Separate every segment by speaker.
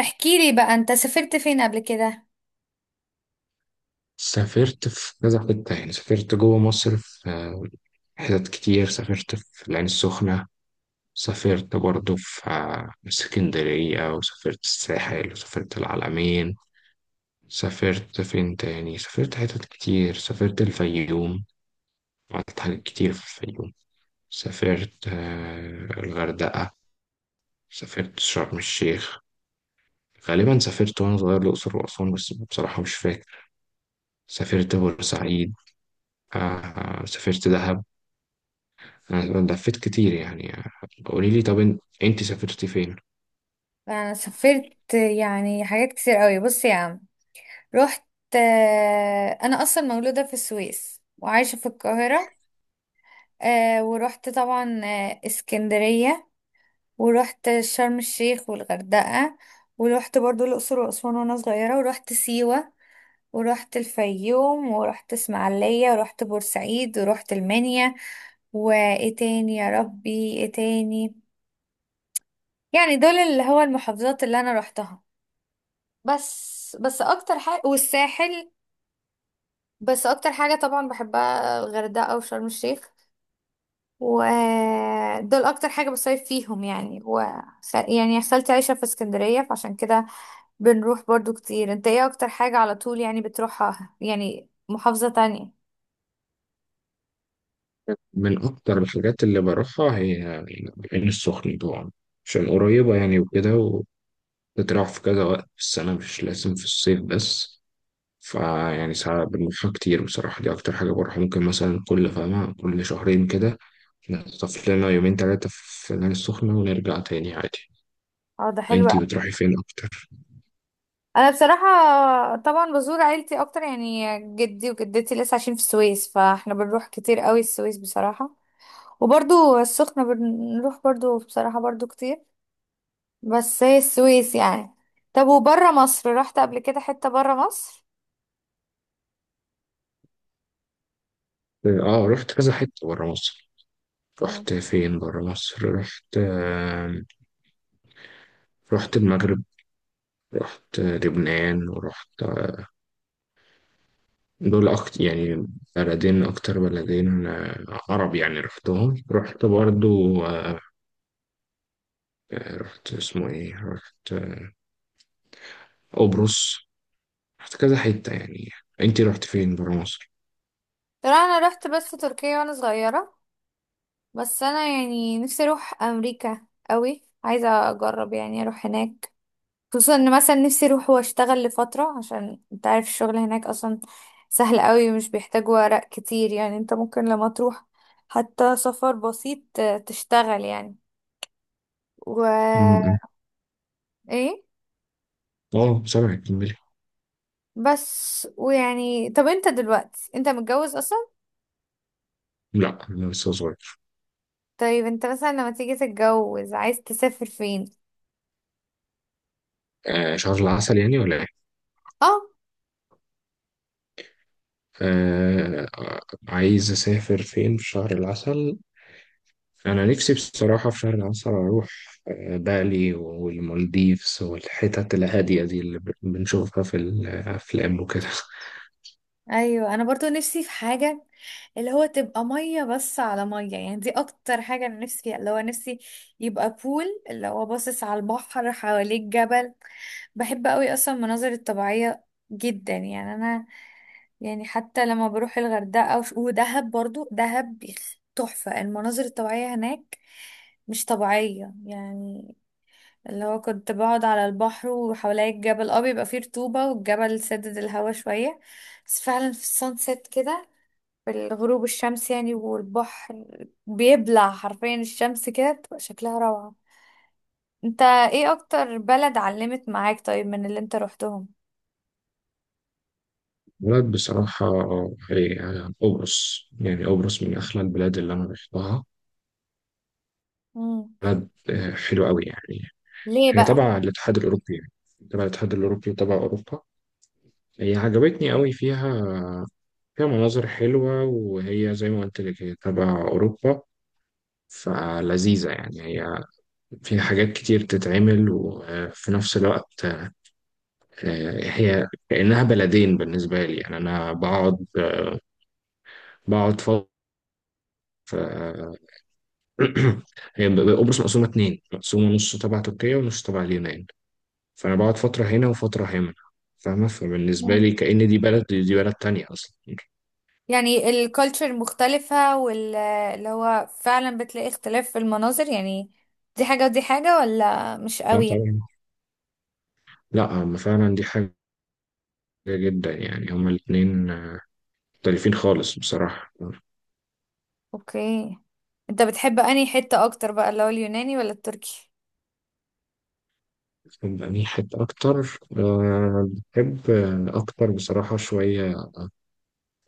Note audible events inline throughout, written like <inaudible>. Speaker 1: احكي لي بقى انت سافرت فين قبل كده؟
Speaker 2: سافرت في كذا حتة يعني سافرت جوه مصر في حتت كتير. سافرت في العين السخنة. سافرت برضه في اسكندرية، وسافرت الساحل، وسافرت العلمين. سافرت فين تاني؟ سافرت حتت كتير. سافرت الفيوم، عملت حاجات كتير في الفيوم. سافرت الغردقة. سافرت شرم الشيخ. غالبا سافرت وأنا صغير الأقصر وأسوان، بس بصراحة مش فاكر. سافرت بورسعيد. سافرت دهب. أنا لفيت كتير يعني. قولي لي، طب انت سافرتي فين؟
Speaker 1: انا سافرت يعني حاجات كتير قوي، بص يا عم. رحت انا اصلا مولودة في السويس وعايشة في القاهرة. ورحت طبعا اسكندرية، ورحت شرم الشيخ والغردقة، ورحت برضو الاقصر واسوان وانا صغيرة، ورحت سيوة، ورحت الفيوم ورحت اسماعيلية ورحت بورسعيد ورحت المنيا. وايه تاني يا ربي، ايه تاني؟ يعني دول اللي هو المحافظات اللي انا روحتها. بس اكتر حاجة والساحل، بس اكتر حاجة طبعا بحبها الغردقة او شرم الشيخ، ودول اكتر حاجة بصيف فيهم يعني يعني خالتي عايشة في اسكندرية، فعشان كده بنروح برضو كتير. انت ايه اكتر حاجة على طول يعني بتروحها، يعني محافظة تانية؟
Speaker 2: من اكتر الحاجات اللي بروحها هي يعني العين السخنة طبعا، عشان قريبة يعني وكده، وتتراح في كذا وقت في السنة، مش لازم في الصيف بس. فيعني ساعات بنروحها كتير، بصراحة دي أكتر حاجة بروحها. ممكن مثلا كل فاهمة كل شهرين كده نخطف لنا يومين تلاتة في العين السخنة ونرجع تاني عادي.
Speaker 1: اه، ده حلو
Speaker 2: انتي
Speaker 1: أوي.
Speaker 2: بتروحي فين أكتر؟
Speaker 1: انا بصراحة طبعا بزور عيلتي اكتر، يعني جدي وجدتي لسه عايشين في السويس فاحنا بنروح كتير قوي السويس بصراحة. وبرضو السخنة بنروح برضو بصراحة برضو كتير، بس هي السويس يعني. طب وبره مصر، رحت قبل كده حتة بره مصر؟
Speaker 2: اه، رحت كذا حتة برا مصر.
Speaker 1: مم.
Speaker 2: رحت فين برا مصر؟ رحت، رحت المغرب، رحت لبنان، ورحت، دول أكتر يعني بلدين، أكتر بلدين عرب يعني رحتهم. رحت برضو رحت، اسمه إيه، رحت قبرص. رحت كذا حتة يعني. أنتي رحت فين برا مصر؟
Speaker 1: ترى انا رحت بس تركيا وانا صغيرة، بس انا يعني نفسي اروح امريكا قوي، عايزة اجرب يعني اروح هناك. خصوصا ان مثلا نفسي اروح واشتغل لفترة، عشان انت عارف الشغل هناك اصلا سهل قوي ومش بيحتاج ورق كتير. يعني انت ممكن لما تروح حتى سفر بسيط تشتغل يعني.
Speaker 2: م-
Speaker 1: و
Speaker 2: م.
Speaker 1: ايه.
Speaker 2: أه سامعك، كملي.
Speaker 1: بس ويعني، طب انت دلوقتي انت متجوز اصلا؟
Speaker 2: لا أنا لسه صغير.
Speaker 1: طيب انت مثلا لما تيجي تتجوز عايز تسافر فين؟
Speaker 2: شهر العسل يعني ولا إيه؟
Speaker 1: اه.
Speaker 2: آه، آه، عايز أسافر فين في شهر العسل؟ أنا نفسي بصراحة في شهر عسل أروح بالي والمالديفز، والحتت الهادية دي اللي بنشوفها في الأفلام وكده. <laughs>
Speaker 1: ايوه انا برضو نفسي في حاجه اللي هو تبقى ميه بس على ميه، يعني دي اكتر حاجه انا نفسي فيها، اللي هو نفسي يبقى بول اللي هو باصص على البحر، حواليك جبل. بحب قوي اصلا المناظر الطبيعيه جدا يعني. انا يعني حتى لما بروح الغردقه ودهب، برضو دهب تحفه المناظر الطبيعيه هناك، مش طبيعيه يعني. اللي هو كنت بقعد على البحر وحواليا الجبل، اه بيبقى فيه رطوبة والجبل سدد الهوا شوية. بس فعلا في السانسيت كده، في الغروب، الشمس يعني والبحر بيبلع حرفيا الشمس، كده بتبقى شكلها روعة. انت ايه اكتر بلد علمت معاك طيب من اللي انت روحتهم؟
Speaker 2: بلد بصراحة، هي قبرص، يعني قبرص من أحلى البلاد اللي أنا رحتها.
Speaker 1: مم.
Speaker 2: بلد حلوة أوي يعني.
Speaker 1: ليه
Speaker 2: هي
Speaker 1: بقى؟
Speaker 2: تبع الاتحاد الأوروبي يعني، تبع الاتحاد الأوروبي وتبع أوروبا. هي عجبتني أوي فيها، فيها مناظر حلوة، وهي زي ما قلت لك هي تبع أوروبا، فلذيذة يعني. في حاجات كتير تتعمل، وفي نفس الوقت هي كأنها بلدين بالنسبة لي. يعني أنا بقعد بقعد ف آه، <clears throat> قبرص مقسومة اتنين، مقسومة نص تبع تركيا ونص تبع اليونان. فأنا بقعد فترة هنا وفترة هنا، فاهمة؟ فبالنسبة
Speaker 1: مم.
Speaker 2: لي كأن دي بلد، دي بلد تانية أصلا.
Speaker 1: يعني الكالتشر مختلفة، واللي هو فعلا بتلاقي اختلاف في المناظر يعني، دي حاجة ودي حاجة، ولا مش
Speaker 2: اه
Speaker 1: قوي؟
Speaker 2: طبعا، لا هم فعلا دي حاجة جدا يعني. هما الاتنين مختلفين خالص بصراحة.
Speaker 1: اوكي. انت بتحب انهي حتة اكتر بقى، اللي هو اليوناني ولا التركي؟
Speaker 2: بني حتة أكتر بحب أكتر بصراحة شوية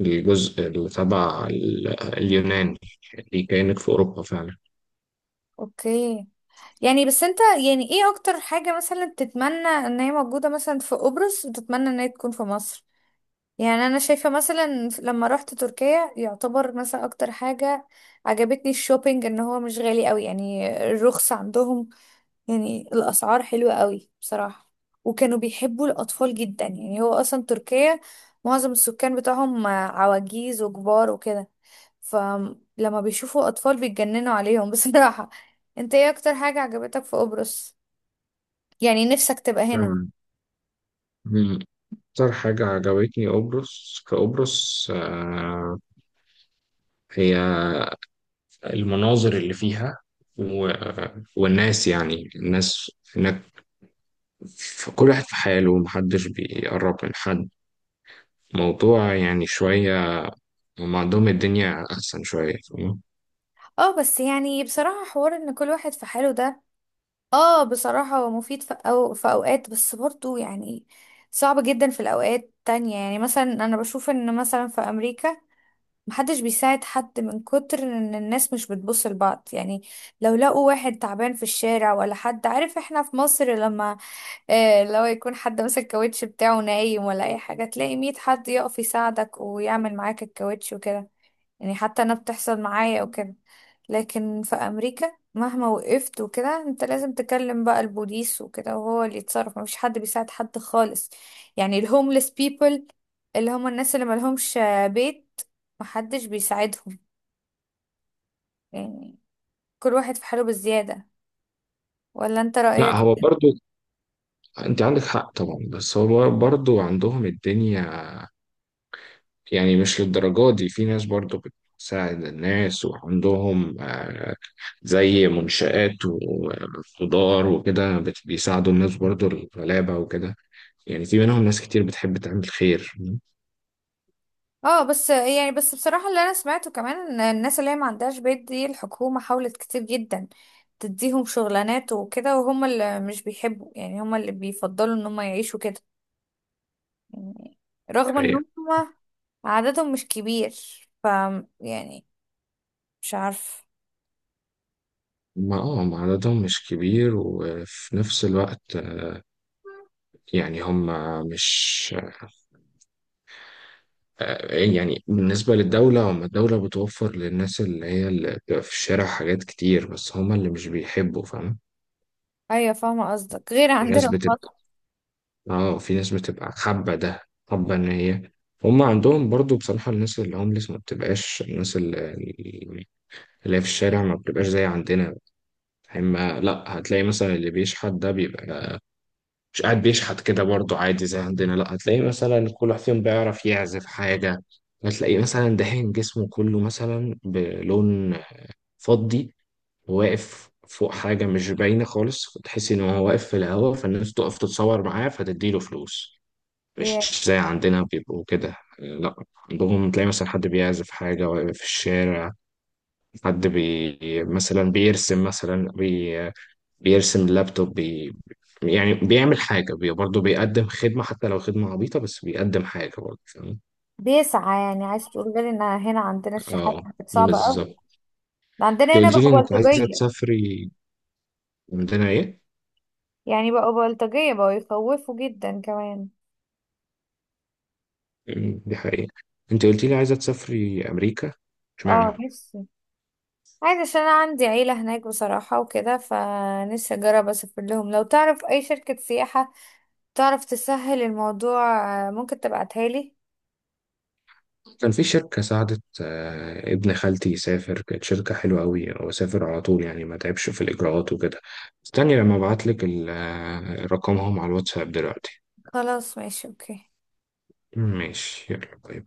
Speaker 2: الجزء اللي تبع اليونان، اللي كانت في أوروبا فعلا.
Speaker 1: اوكي. يعني بس انت، يعني ايه اكتر حاجة مثلا تتمنى ان هي موجودة مثلا في قبرص وتتمنى ان هي تكون في مصر؟ يعني انا شايفة مثلا لما رحت تركيا، يعتبر مثلا اكتر حاجة عجبتني الشوبينج، ان هو مش غالي قوي، يعني الرخص عندهم، يعني الأسعار حلوة قوي بصراحة. وكانوا بيحبوا الأطفال جدا، يعني هو أصلا تركيا معظم السكان بتاعهم عواجيز وكبار وكده، فلما بيشوفوا أطفال بيتجننوا عليهم <laughs> بصراحة. انت ايه أكتر حاجة عجبتك في قبرص؟ يعني نفسك تبقى هنا؟
Speaker 2: مم. مم. أكتر حاجة عجبتني قبرص، في قبرص هي المناظر اللي فيها، و... والناس، يعني الناس هناك، في كل واحد في حاله ومحدش بيقرب من حد. موضوع يعني شوية هم عندهم الدنيا أحسن شوية، فاهم؟
Speaker 1: اه بس يعني بصراحة حوار ان كل واحد في حاله ده، اه بصراحة هو مفيد أو في أوقات بس برضو، يعني صعب جدا في الأوقات تانية. يعني مثلا أنا بشوف ان مثلا في أمريكا محدش بيساعد حد من كتر ان الناس مش بتبص لبعض يعني. لو لقوا واحد تعبان في الشارع، ولا حد عارف، احنا في مصر لما، اه، لو يكون حد ماسك الكاوتش بتاعه نايم ولا اي حاجة، تلاقي ميت حد يقف يساعدك ويعمل معاك الكاوتش وكده، يعني حتى انا بتحصل معايا او كده. لكن في امريكا مهما وقفت وكده، انت لازم تكلم بقى البوليس وكده وهو اللي يتصرف، مفيش حد بيساعد حد خالص. يعني الهوملess people اللي هم الناس اللي ملهمش بيت، محدش بيساعدهم، يعني كل واحد في حاله بالزيادة. ولا انت
Speaker 2: لا
Speaker 1: رأيك؟
Speaker 2: هو برضو، أنت عندك حق طبعا، بس هو برضو عندهم الدنيا يعني مش للدرجة دي. في ناس برضو بتساعد الناس، وعندهم زي منشآت وخضار وكده بيساعدوا الناس برضو الغلابة وكده. يعني في منهم ناس كتير بتحب تعمل خير.
Speaker 1: اه بس يعني، بصراحة اللي انا سمعته كمان، ان الناس اللي هي ما عندهاش بيت دي الحكومة حاولت كتير جدا تديهم شغلانات وكده، وهم اللي مش بيحبوا، يعني هم اللي بيفضلوا ان هم يعيشوا كده. يعني رغم ان
Speaker 2: حقيقة
Speaker 1: هم عددهم مش كبير، ف يعني مش عارف.
Speaker 2: ما عددهم مش كبير، وفي نفس الوقت يعني هم مش يعني بالنسبة للدولة، هم الدولة بتوفر للناس اللي هي اللي بتبقى في الشارع حاجات كتير، بس هم اللي مش بيحبوا، فاهم؟
Speaker 1: ايوه فاهمة قصدك، غير
Speaker 2: في ناس
Speaker 1: عندنا في
Speaker 2: بتبقى
Speaker 1: مصر.
Speaker 2: اه في ناس بتبقى حابة ان هي، هم عندهم برضو بصراحة الناس اللي هومليس ما بتبقاش الناس اللي هي في الشارع، ما بتبقاش زي عندنا. اما لا، هتلاقي مثلا اللي بيشحت ده بيبقى مش قاعد بيشحت كده برضو عادي زي عندنا. لا، هتلاقي مثلا كل واحد فيهم بيعرف يعزف حاجة. هتلاقي مثلا دهان جسمه كله مثلا بلون فضي، واقف فوق حاجة مش باينة خالص، تحس إن هو واقف في الهواء، فالناس تقف تتصور معاه فتديله فلوس.
Speaker 1: إيه،
Speaker 2: مش زي عندنا بيبقوا كده، لا. عندهم تلاقي مثلا حد بيعزف حاجة واقف في الشارع، حد بي مثلا بيرسم، مثلا بيرسم اللابتوب، يعني بيعمل حاجة برضه، بيقدم خدمة حتى لو خدمة عبيطة، بس بيقدم حاجة برضه، فاهم؟
Speaker 1: بيسعى، يعني عايز تقول غير ان هنا عندنا الشحات
Speaker 2: اه،
Speaker 1: كانت صعبة قوي،
Speaker 2: بالظبط.
Speaker 1: ده
Speaker 2: انت
Speaker 1: عندنا هنا
Speaker 2: قلت لي
Speaker 1: بقوا
Speaker 2: انك عايزة
Speaker 1: بلطجية.
Speaker 2: تسافري، عندنا ايه؟
Speaker 1: يعني بقوا بلطجية، بقوا يخوفوا جدا كمان.
Speaker 2: دي حقيقة. انت قلت لي عايزة تسافري أمريكا،
Speaker 1: اه،
Speaker 2: اشمعنى؟
Speaker 1: نفسي عادي، عشان انا عندي عيلة هناك بصراحة وكده، فنفسي اجرب اسافر لهم. لو تعرف اي شركة سياحة تعرف تسهل الموضوع، ممكن تبعتها لي.
Speaker 2: كان في شركة ساعدت ابن خالتي يسافر. كانت شركة حلوة أوي، هو سافر على طول يعني، ما تعبش في الإجراءات وكده. استني لما أبعتلك رقمهم على الواتساب دلوقتي.
Speaker 1: خلاص ماشي، اوكي.
Speaker 2: ماشي، يلا باي.